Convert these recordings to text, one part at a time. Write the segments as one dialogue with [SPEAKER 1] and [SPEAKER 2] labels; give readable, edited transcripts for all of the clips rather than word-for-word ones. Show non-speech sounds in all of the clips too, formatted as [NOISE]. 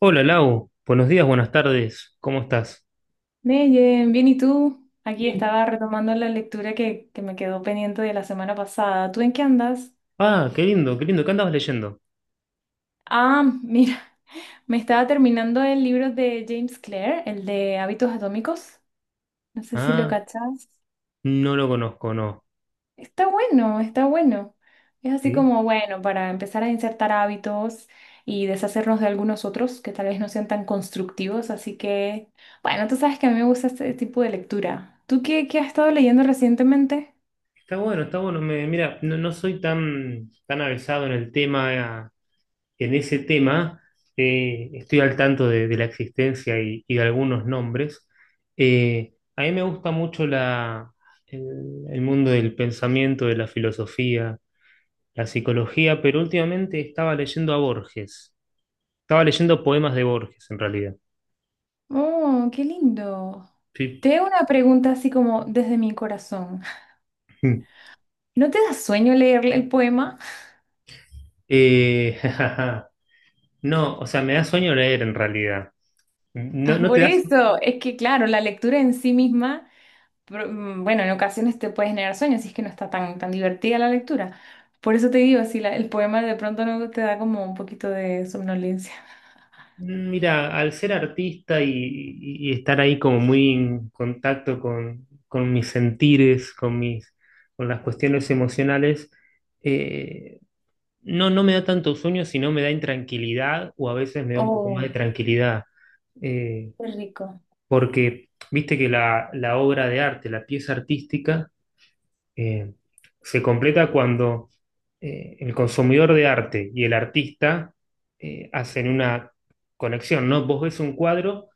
[SPEAKER 1] Hola Lau, buenos días, buenas tardes, ¿cómo estás?
[SPEAKER 2] Neyen, bien, ¿y tú? Aquí
[SPEAKER 1] Bien.
[SPEAKER 2] estaba retomando la lectura que me quedó pendiente de la semana pasada. ¿Tú en qué andas?
[SPEAKER 1] Ah, qué lindo, qué lindo, ¿qué andabas leyendo?
[SPEAKER 2] Ah, mira, [LAUGHS] me estaba terminando el libro de James Clear, el de Hábitos Atómicos. No sé si lo
[SPEAKER 1] Ah,
[SPEAKER 2] cachas.
[SPEAKER 1] no lo conozco, no.
[SPEAKER 2] Está bueno, está bueno. Es así
[SPEAKER 1] Sí.
[SPEAKER 2] como, bueno, para empezar a insertar hábitos y deshacernos de algunos otros que tal vez no sean tan constructivos. Así que, bueno, tú sabes que a mí me gusta este tipo de lectura. ¿Tú qué has estado leyendo recientemente?
[SPEAKER 1] Está bueno, está bueno. Mira, no soy tan avesado en el tema, eh, en ese tema. Estoy al tanto de la existencia y de algunos nombres. A mí me gusta mucho el, el mundo del pensamiento, de la filosofía, la psicología, pero últimamente estaba leyendo a Borges. Estaba leyendo poemas de Borges, en realidad.
[SPEAKER 2] Oh, qué lindo.
[SPEAKER 1] Sí.
[SPEAKER 2] Te hago una pregunta así como desde mi corazón. [LAUGHS]
[SPEAKER 1] [LAUGHS]
[SPEAKER 2] ¿No te da sueño leer el poema? [LAUGHS]
[SPEAKER 1] Eh, [LAUGHS] no, o sea, me da sueño leer en realidad. No,
[SPEAKER 2] Ah,
[SPEAKER 1] no te
[SPEAKER 2] por
[SPEAKER 1] das.
[SPEAKER 2] eso, es que claro, la lectura en sí misma, bueno, en ocasiones te puede generar sueños si es que no está tan, tan divertida la lectura. Por eso te digo, si el poema de pronto no te da como un poquito de somnolencia.
[SPEAKER 1] Mira, al ser artista y estar ahí como muy en contacto con mis sentires, con las cuestiones emocionales, eh, no, no me da tanto sueño, sino me da intranquilidad o a veces me da un poco más de
[SPEAKER 2] Oh,
[SPEAKER 1] tranquilidad. Eh,
[SPEAKER 2] qué rico.
[SPEAKER 1] Porque viste que la obra de arte, la pieza artística, eh, se completa cuando el consumidor de arte y el artista hacen una conexión, ¿no? Vos ves un cuadro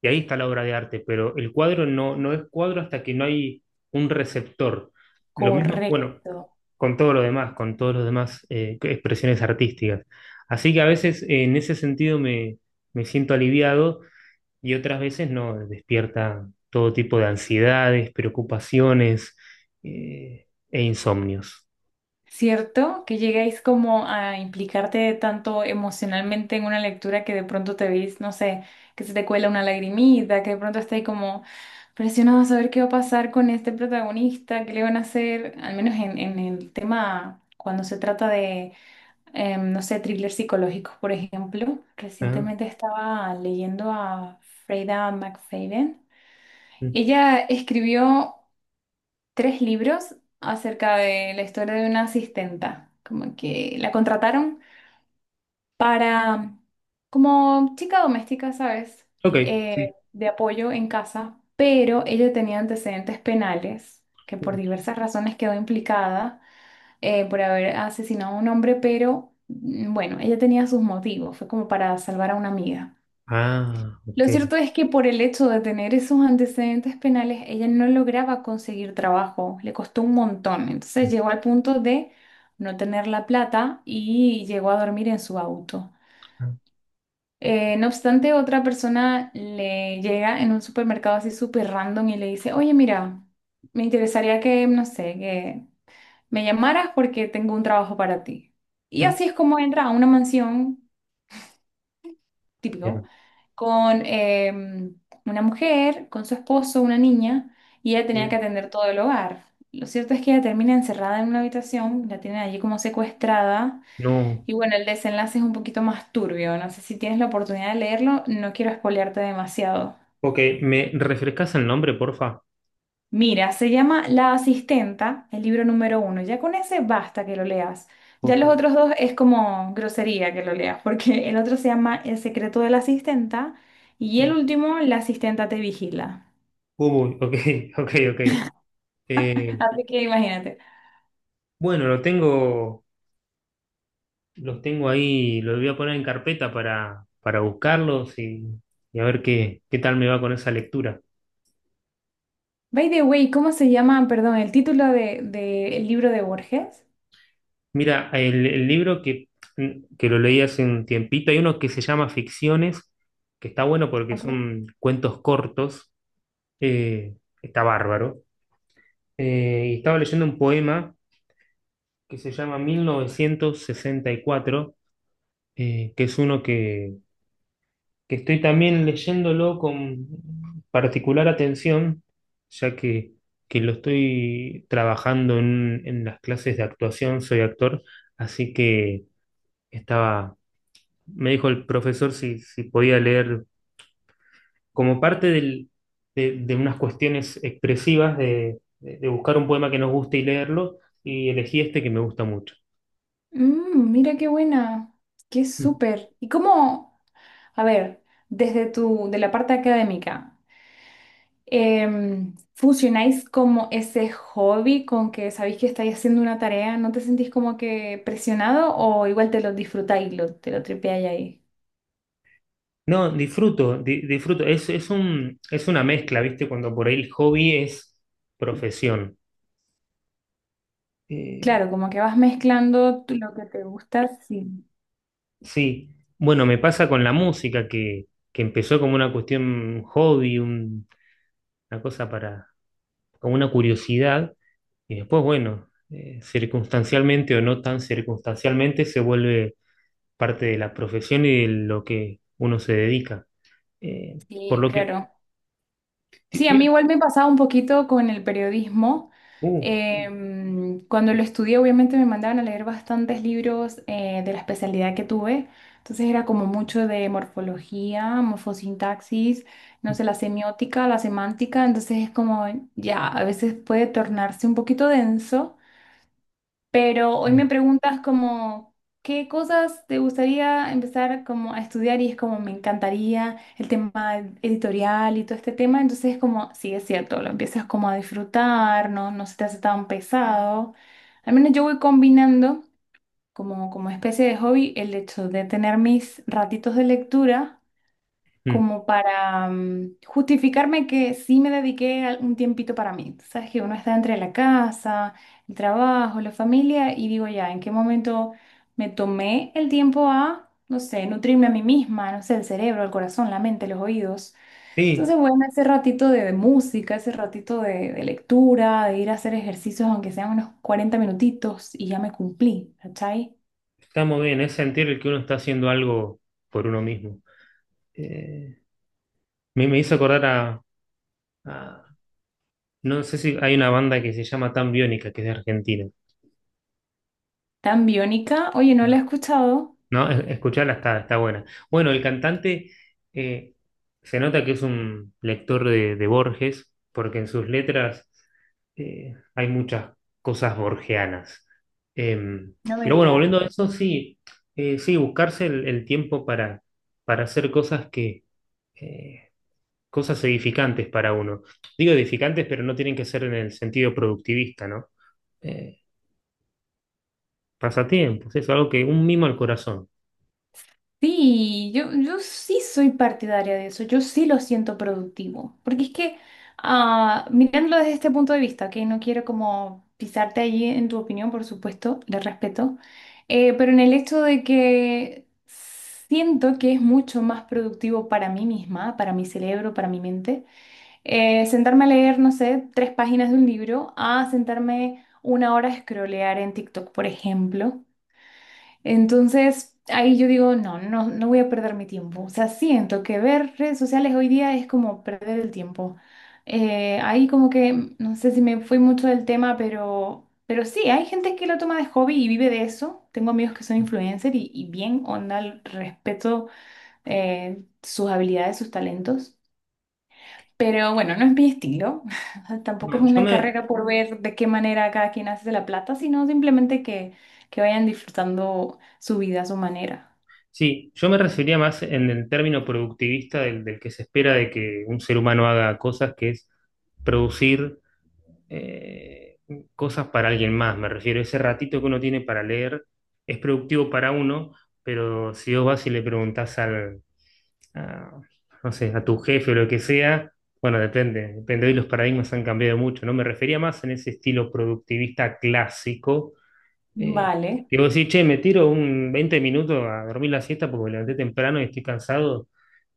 [SPEAKER 1] y ahí está la obra de arte, pero el cuadro no, no es cuadro hasta que no hay un receptor. Lo mismo, bueno,
[SPEAKER 2] Correcto.
[SPEAKER 1] con todo lo demás, con todas las demás expresiones artísticas. Así que a veces en ese sentido me siento aliviado y otras veces no, despierta todo tipo de ansiedades, preocupaciones e insomnios.
[SPEAKER 2] ¿Cierto? Que llegáis como a implicarte tanto emocionalmente en una lectura que de pronto te veis, no sé, que se te cuela una lagrimita, que de pronto estáis como presionado a saber qué va a pasar con este protagonista, qué le van a hacer, al menos en el tema cuando se trata de, no sé, thrillers psicológicos, por ejemplo.
[SPEAKER 1] Ah,
[SPEAKER 2] Recientemente estaba leyendo a Freida McFadden.
[SPEAKER 1] mm,
[SPEAKER 2] Ella escribió tres libros acerca de la historia de una asistenta, como que la contrataron para, como chica doméstica, ¿sabes?
[SPEAKER 1] ok.
[SPEAKER 2] Eh, de apoyo en casa, pero ella tenía antecedentes penales, que por diversas razones quedó implicada por haber asesinado a un hombre, pero bueno, ella tenía sus motivos, fue como para salvar a una amiga.
[SPEAKER 1] Ah,
[SPEAKER 2] Lo
[SPEAKER 1] ok.
[SPEAKER 2] cierto es que por el hecho de tener esos antecedentes penales, ella no lograba conseguir trabajo, le costó un montón. Entonces llegó al punto de no tener la plata y llegó a dormir en su auto.
[SPEAKER 1] Ah,
[SPEAKER 2] No obstante, otra persona le llega en un supermercado así súper random y le dice, oye, mira, me interesaría que, no sé, que me llamaras porque tengo un trabajo para ti. Y
[SPEAKER 1] mm,
[SPEAKER 2] así es como entra a una mansión típico,
[SPEAKER 1] bien.
[SPEAKER 2] con em, una mujer, con su esposo, una niña, y ella tenía que
[SPEAKER 1] Mm,
[SPEAKER 2] atender todo el hogar. Lo cierto es que ella termina encerrada en una habitación, la tienen allí como secuestrada,
[SPEAKER 1] no,
[SPEAKER 2] y bueno, el desenlace es un poquito más turbio. No sé si tienes la oportunidad de leerlo, no quiero espolearte demasiado.
[SPEAKER 1] ok, ¿me refrescas el nombre, porfa?
[SPEAKER 2] Mira, se llama La Asistenta, el libro número uno. Ya con ese basta que lo leas. Ya
[SPEAKER 1] Ok.
[SPEAKER 2] los otros dos es como grosería que lo leas, porque el otro se llama El secreto de la asistenta y el
[SPEAKER 1] Mm,
[SPEAKER 2] último, La asistenta te vigila.
[SPEAKER 1] Cubo, ok, [LAUGHS] ok, ok. Eh,
[SPEAKER 2] Así que imagínate.
[SPEAKER 1] bueno, lo tengo, los tengo ahí, los voy a poner en carpeta para buscarlos y a ver qué, qué tal me va con esa lectura.
[SPEAKER 2] By the way, ¿cómo se llama, perdón, el título de el libro de Borges?
[SPEAKER 1] Mira, el libro que, que lo leí hace un tiempito, hay uno que se llama Ficciones, que está bueno porque
[SPEAKER 2] Ok.
[SPEAKER 1] son cuentos cortos, eh, está bárbaro. Y estaba leyendo un poema que se llama 1964, que es uno que estoy también leyéndolo con particular atención, ya que lo estoy trabajando en las clases de actuación, soy actor, así que estaba me dijo el profesor si, si podía leer como parte de unas cuestiones expresivas de buscar un poema que nos guste y leerlo, y elegí este que me gusta mucho.
[SPEAKER 2] Mm, mira qué buena, qué
[SPEAKER 1] Mm.
[SPEAKER 2] súper. ¿Y cómo? A ver, desde tu, de la parte académica. ¿Funcionáis como ese hobby con que sabéis que estáis haciendo una tarea? ¿No te sentís como que presionado o igual te lo disfrutáis, lo, te lo tripeáis ahí?
[SPEAKER 1] No, disfruto, disfruto. Es un, es una mezcla, ¿viste? Cuando por ahí el hobby es profesión. Eh,
[SPEAKER 2] Claro, como que vas mezclando tú lo que te gusta, sí,
[SPEAKER 1] sí, bueno, me pasa con la música que empezó como una cuestión hobby, una cosa para, como una curiosidad. Y después, bueno, circunstancialmente o no tan circunstancialmente, se vuelve parte de la profesión y de lo que uno se dedica. Eh, por
[SPEAKER 2] sí,
[SPEAKER 1] lo que...
[SPEAKER 2] claro.
[SPEAKER 1] ti-
[SPEAKER 2] Sí, a mí
[SPEAKER 1] tiene-
[SPEAKER 2] igual me pasaba un poquito con el periodismo.
[SPEAKER 1] uh,
[SPEAKER 2] Cuando lo estudié, obviamente me mandaban a leer bastantes libros de la especialidad que tuve. Entonces era como mucho de morfología, morfosintaxis, no sé, la semiótica, la semántica. Entonces es como, ya, a veces puede tornarse un poquito denso. Pero hoy
[SPEAKER 1] mm,
[SPEAKER 2] me preguntas como, ¿qué cosas te gustaría empezar como a estudiar? Y es como, me encantaría el tema editorial y todo este tema. Entonces es como, sí, es cierto, lo empiezas como a disfrutar, ¿no? No se te hace tan pesado. Al menos yo voy combinando como, como especie de hobby el hecho de tener mis ratitos de lectura
[SPEAKER 1] mm.
[SPEAKER 2] como para justificarme que sí me dediqué al- un tiempito para mí. Tú sabes que uno está entre la casa, el trabajo, la familia y digo ya, ¿en qué momento me tomé el tiempo a, no sé, nutrirme a mí misma, no sé, el cerebro, el corazón, la mente, los oídos? Entonces,
[SPEAKER 1] Sí,
[SPEAKER 2] bueno, ese ratito de música, ese ratito de lectura, de ir a hacer ejercicios, aunque sean unos 40 minutitos, y ya me cumplí, ¿cachai?
[SPEAKER 1] está muy bien, es sentir el que uno está haciendo algo por uno mismo. Eh, Me hizo acordar a, a- no sé si hay una banda que se llama Tan Biónica, que es de Argentina.
[SPEAKER 2] Tan Biónica, oye, no la he escuchado,
[SPEAKER 1] No, escucharla está, está buena. Bueno, el cantante eh, se nota que es un lector de Borges, porque en sus letras hay muchas cosas borgianas. Em,
[SPEAKER 2] no me
[SPEAKER 1] pero bueno,
[SPEAKER 2] digas.
[SPEAKER 1] volviendo a eso, sí, sí, buscarse el tiempo para hacer cosas que, eh, cosas edificantes para uno. Digo edificantes, pero no tienen que ser en el sentido productivista, ¿no? Eh, Pasatiempos, eso, algo que un mimo al corazón.
[SPEAKER 2] Sí, yo sí soy partidaria de eso, yo sí lo siento productivo, porque es que ah, mirándolo desde este punto de vista, que no quiero como pisarte allí en tu opinión, por supuesto, le respeto, pero en el hecho de que siento que es mucho más productivo para mí misma, para mi cerebro, para mi mente, sentarme a leer, no sé, tres páginas de un libro, a sentarme una hora a scrollear en TikTok, por ejemplo. Entonces, ahí yo digo, no, no, no voy a perder mi tiempo. O sea, siento que ver redes sociales hoy día es como perder el tiempo. Ahí como que, no sé si me fui mucho del tema, pero sí, hay gente que lo toma de hobby y vive de eso. Tengo amigos que son influencers y bien onda, respeto sus habilidades, sus talentos. Pero bueno, no es mi estilo. [LAUGHS] O sea, tampoco es
[SPEAKER 1] No, yo
[SPEAKER 2] una
[SPEAKER 1] me,
[SPEAKER 2] carrera por ver de qué manera cada quien hace la plata, sino simplemente que vayan disfrutando su vida a su manera.
[SPEAKER 1] Sí, yo me refería más en el término productivista del que se espera de que un ser humano haga cosas, que es producir eh, cosas para alguien más. Me refiero, ese ratito que uno tiene para leer es productivo para uno, pero si vos vas y le preguntás a, no sé, a tu jefe o lo que sea, bueno, depende, depende, hoy los paradigmas han cambiado mucho, ¿no? Me refería más en ese estilo productivista clásico eh,
[SPEAKER 2] Vale.
[SPEAKER 1] digo, sí, che, me tiro un 20 minutos a dormir la siesta porque me levanté temprano y estoy cansado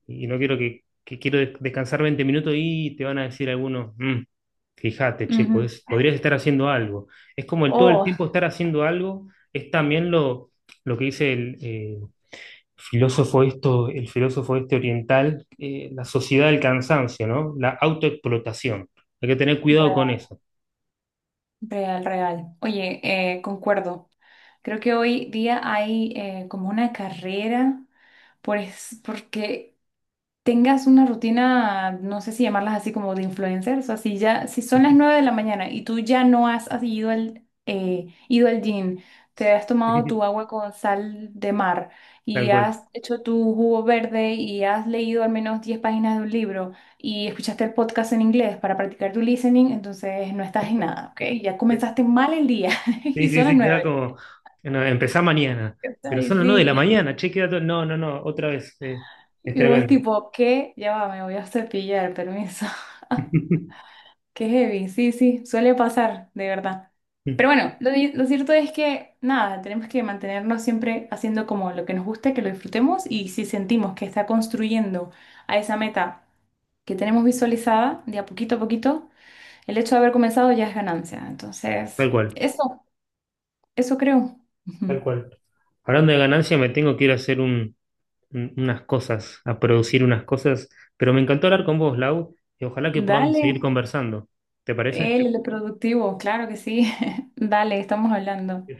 [SPEAKER 1] y no quiero que quiero descansar 20 minutos y te van a decir algunos, "Mm, fíjate, che,
[SPEAKER 2] Ujú.
[SPEAKER 1] podrías estar haciendo algo." Es como el todo el
[SPEAKER 2] Oh,
[SPEAKER 1] tiempo estar haciendo algo, es también lo que dice el filósofo esto, el filósofo este oriental, la sociedad del cansancio, ¿no? La autoexplotación. Hay que tener cuidado con
[SPEAKER 2] real,
[SPEAKER 1] eso.
[SPEAKER 2] real, real. Oye, concuerdo. Creo que hoy día hay como una carrera porque tengas una rutina, no sé si llamarlas así como de influencers, o así ya, si son las 9 de la mañana y tú ya no has ido ido al gym, te has tomado tu
[SPEAKER 1] [LAUGHS]
[SPEAKER 2] agua con sal de mar
[SPEAKER 1] Tal
[SPEAKER 2] y
[SPEAKER 1] cual.
[SPEAKER 2] has hecho tu jugo verde y has leído al menos 10 páginas de un libro y escuchaste el podcast en inglés para practicar tu listening, entonces no estás en nada, ¿ok? Ya comenzaste mal el día [LAUGHS]
[SPEAKER 1] Sí,
[SPEAKER 2] y
[SPEAKER 1] sí,
[SPEAKER 2] son las
[SPEAKER 1] sí, queda
[SPEAKER 2] nueve
[SPEAKER 1] como, no, empezá mañana,
[SPEAKER 2] O sea,
[SPEAKER 1] pero
[SPEAKER 2] y
[SPEAKER 1] son las 9 de la
[SPEAKER 2] sí.
[SPEAKER 1] mañana, che, queda todo, no, no, no, otra vez, es
[SPEAKER 2] Y vos
[SPEAKER 1] tremendo.
[SPEAKER 2] tipo, ¿qué? Ya va, me voy a cepillar, permiso. [LAUGHS]
[SPEAKER 1] [LAUGHS]
[SPEAKER 2] Qué heavy, sí, sí, suele pasar, de verdad. Pero bueno, lo cierto es que nada, tenemos que mantenernos siempre haciendo como lo que nos gusta, que lo disfrutemos y si sentimos que está construyendo a esa meta que tenemos visualizada, de a poquito, el hecho de haber comenzado ya es ganancia. Entonces,
[SPEAKER 1] Tal cual,
[SPEAKER 2] eso, eso creo. [LAUGHS]
[SPEAKER 1] tal
[SPEAKER 2] Ujú.
[SPEAKER 1] cual. Hablando de ganancia, me tengo que ir a hacer unas cosas, a producir unas cosas, pero me encantó hablar con vos, Lau, y ojalá que podamos
[SPEAKER 2] Dale,
[SPEAKER 1] seguir conversando. ¿Te parece?
[SPEAKER 2] el productivo, claro que sí. [LAUGHS] Dale, estamos hablando.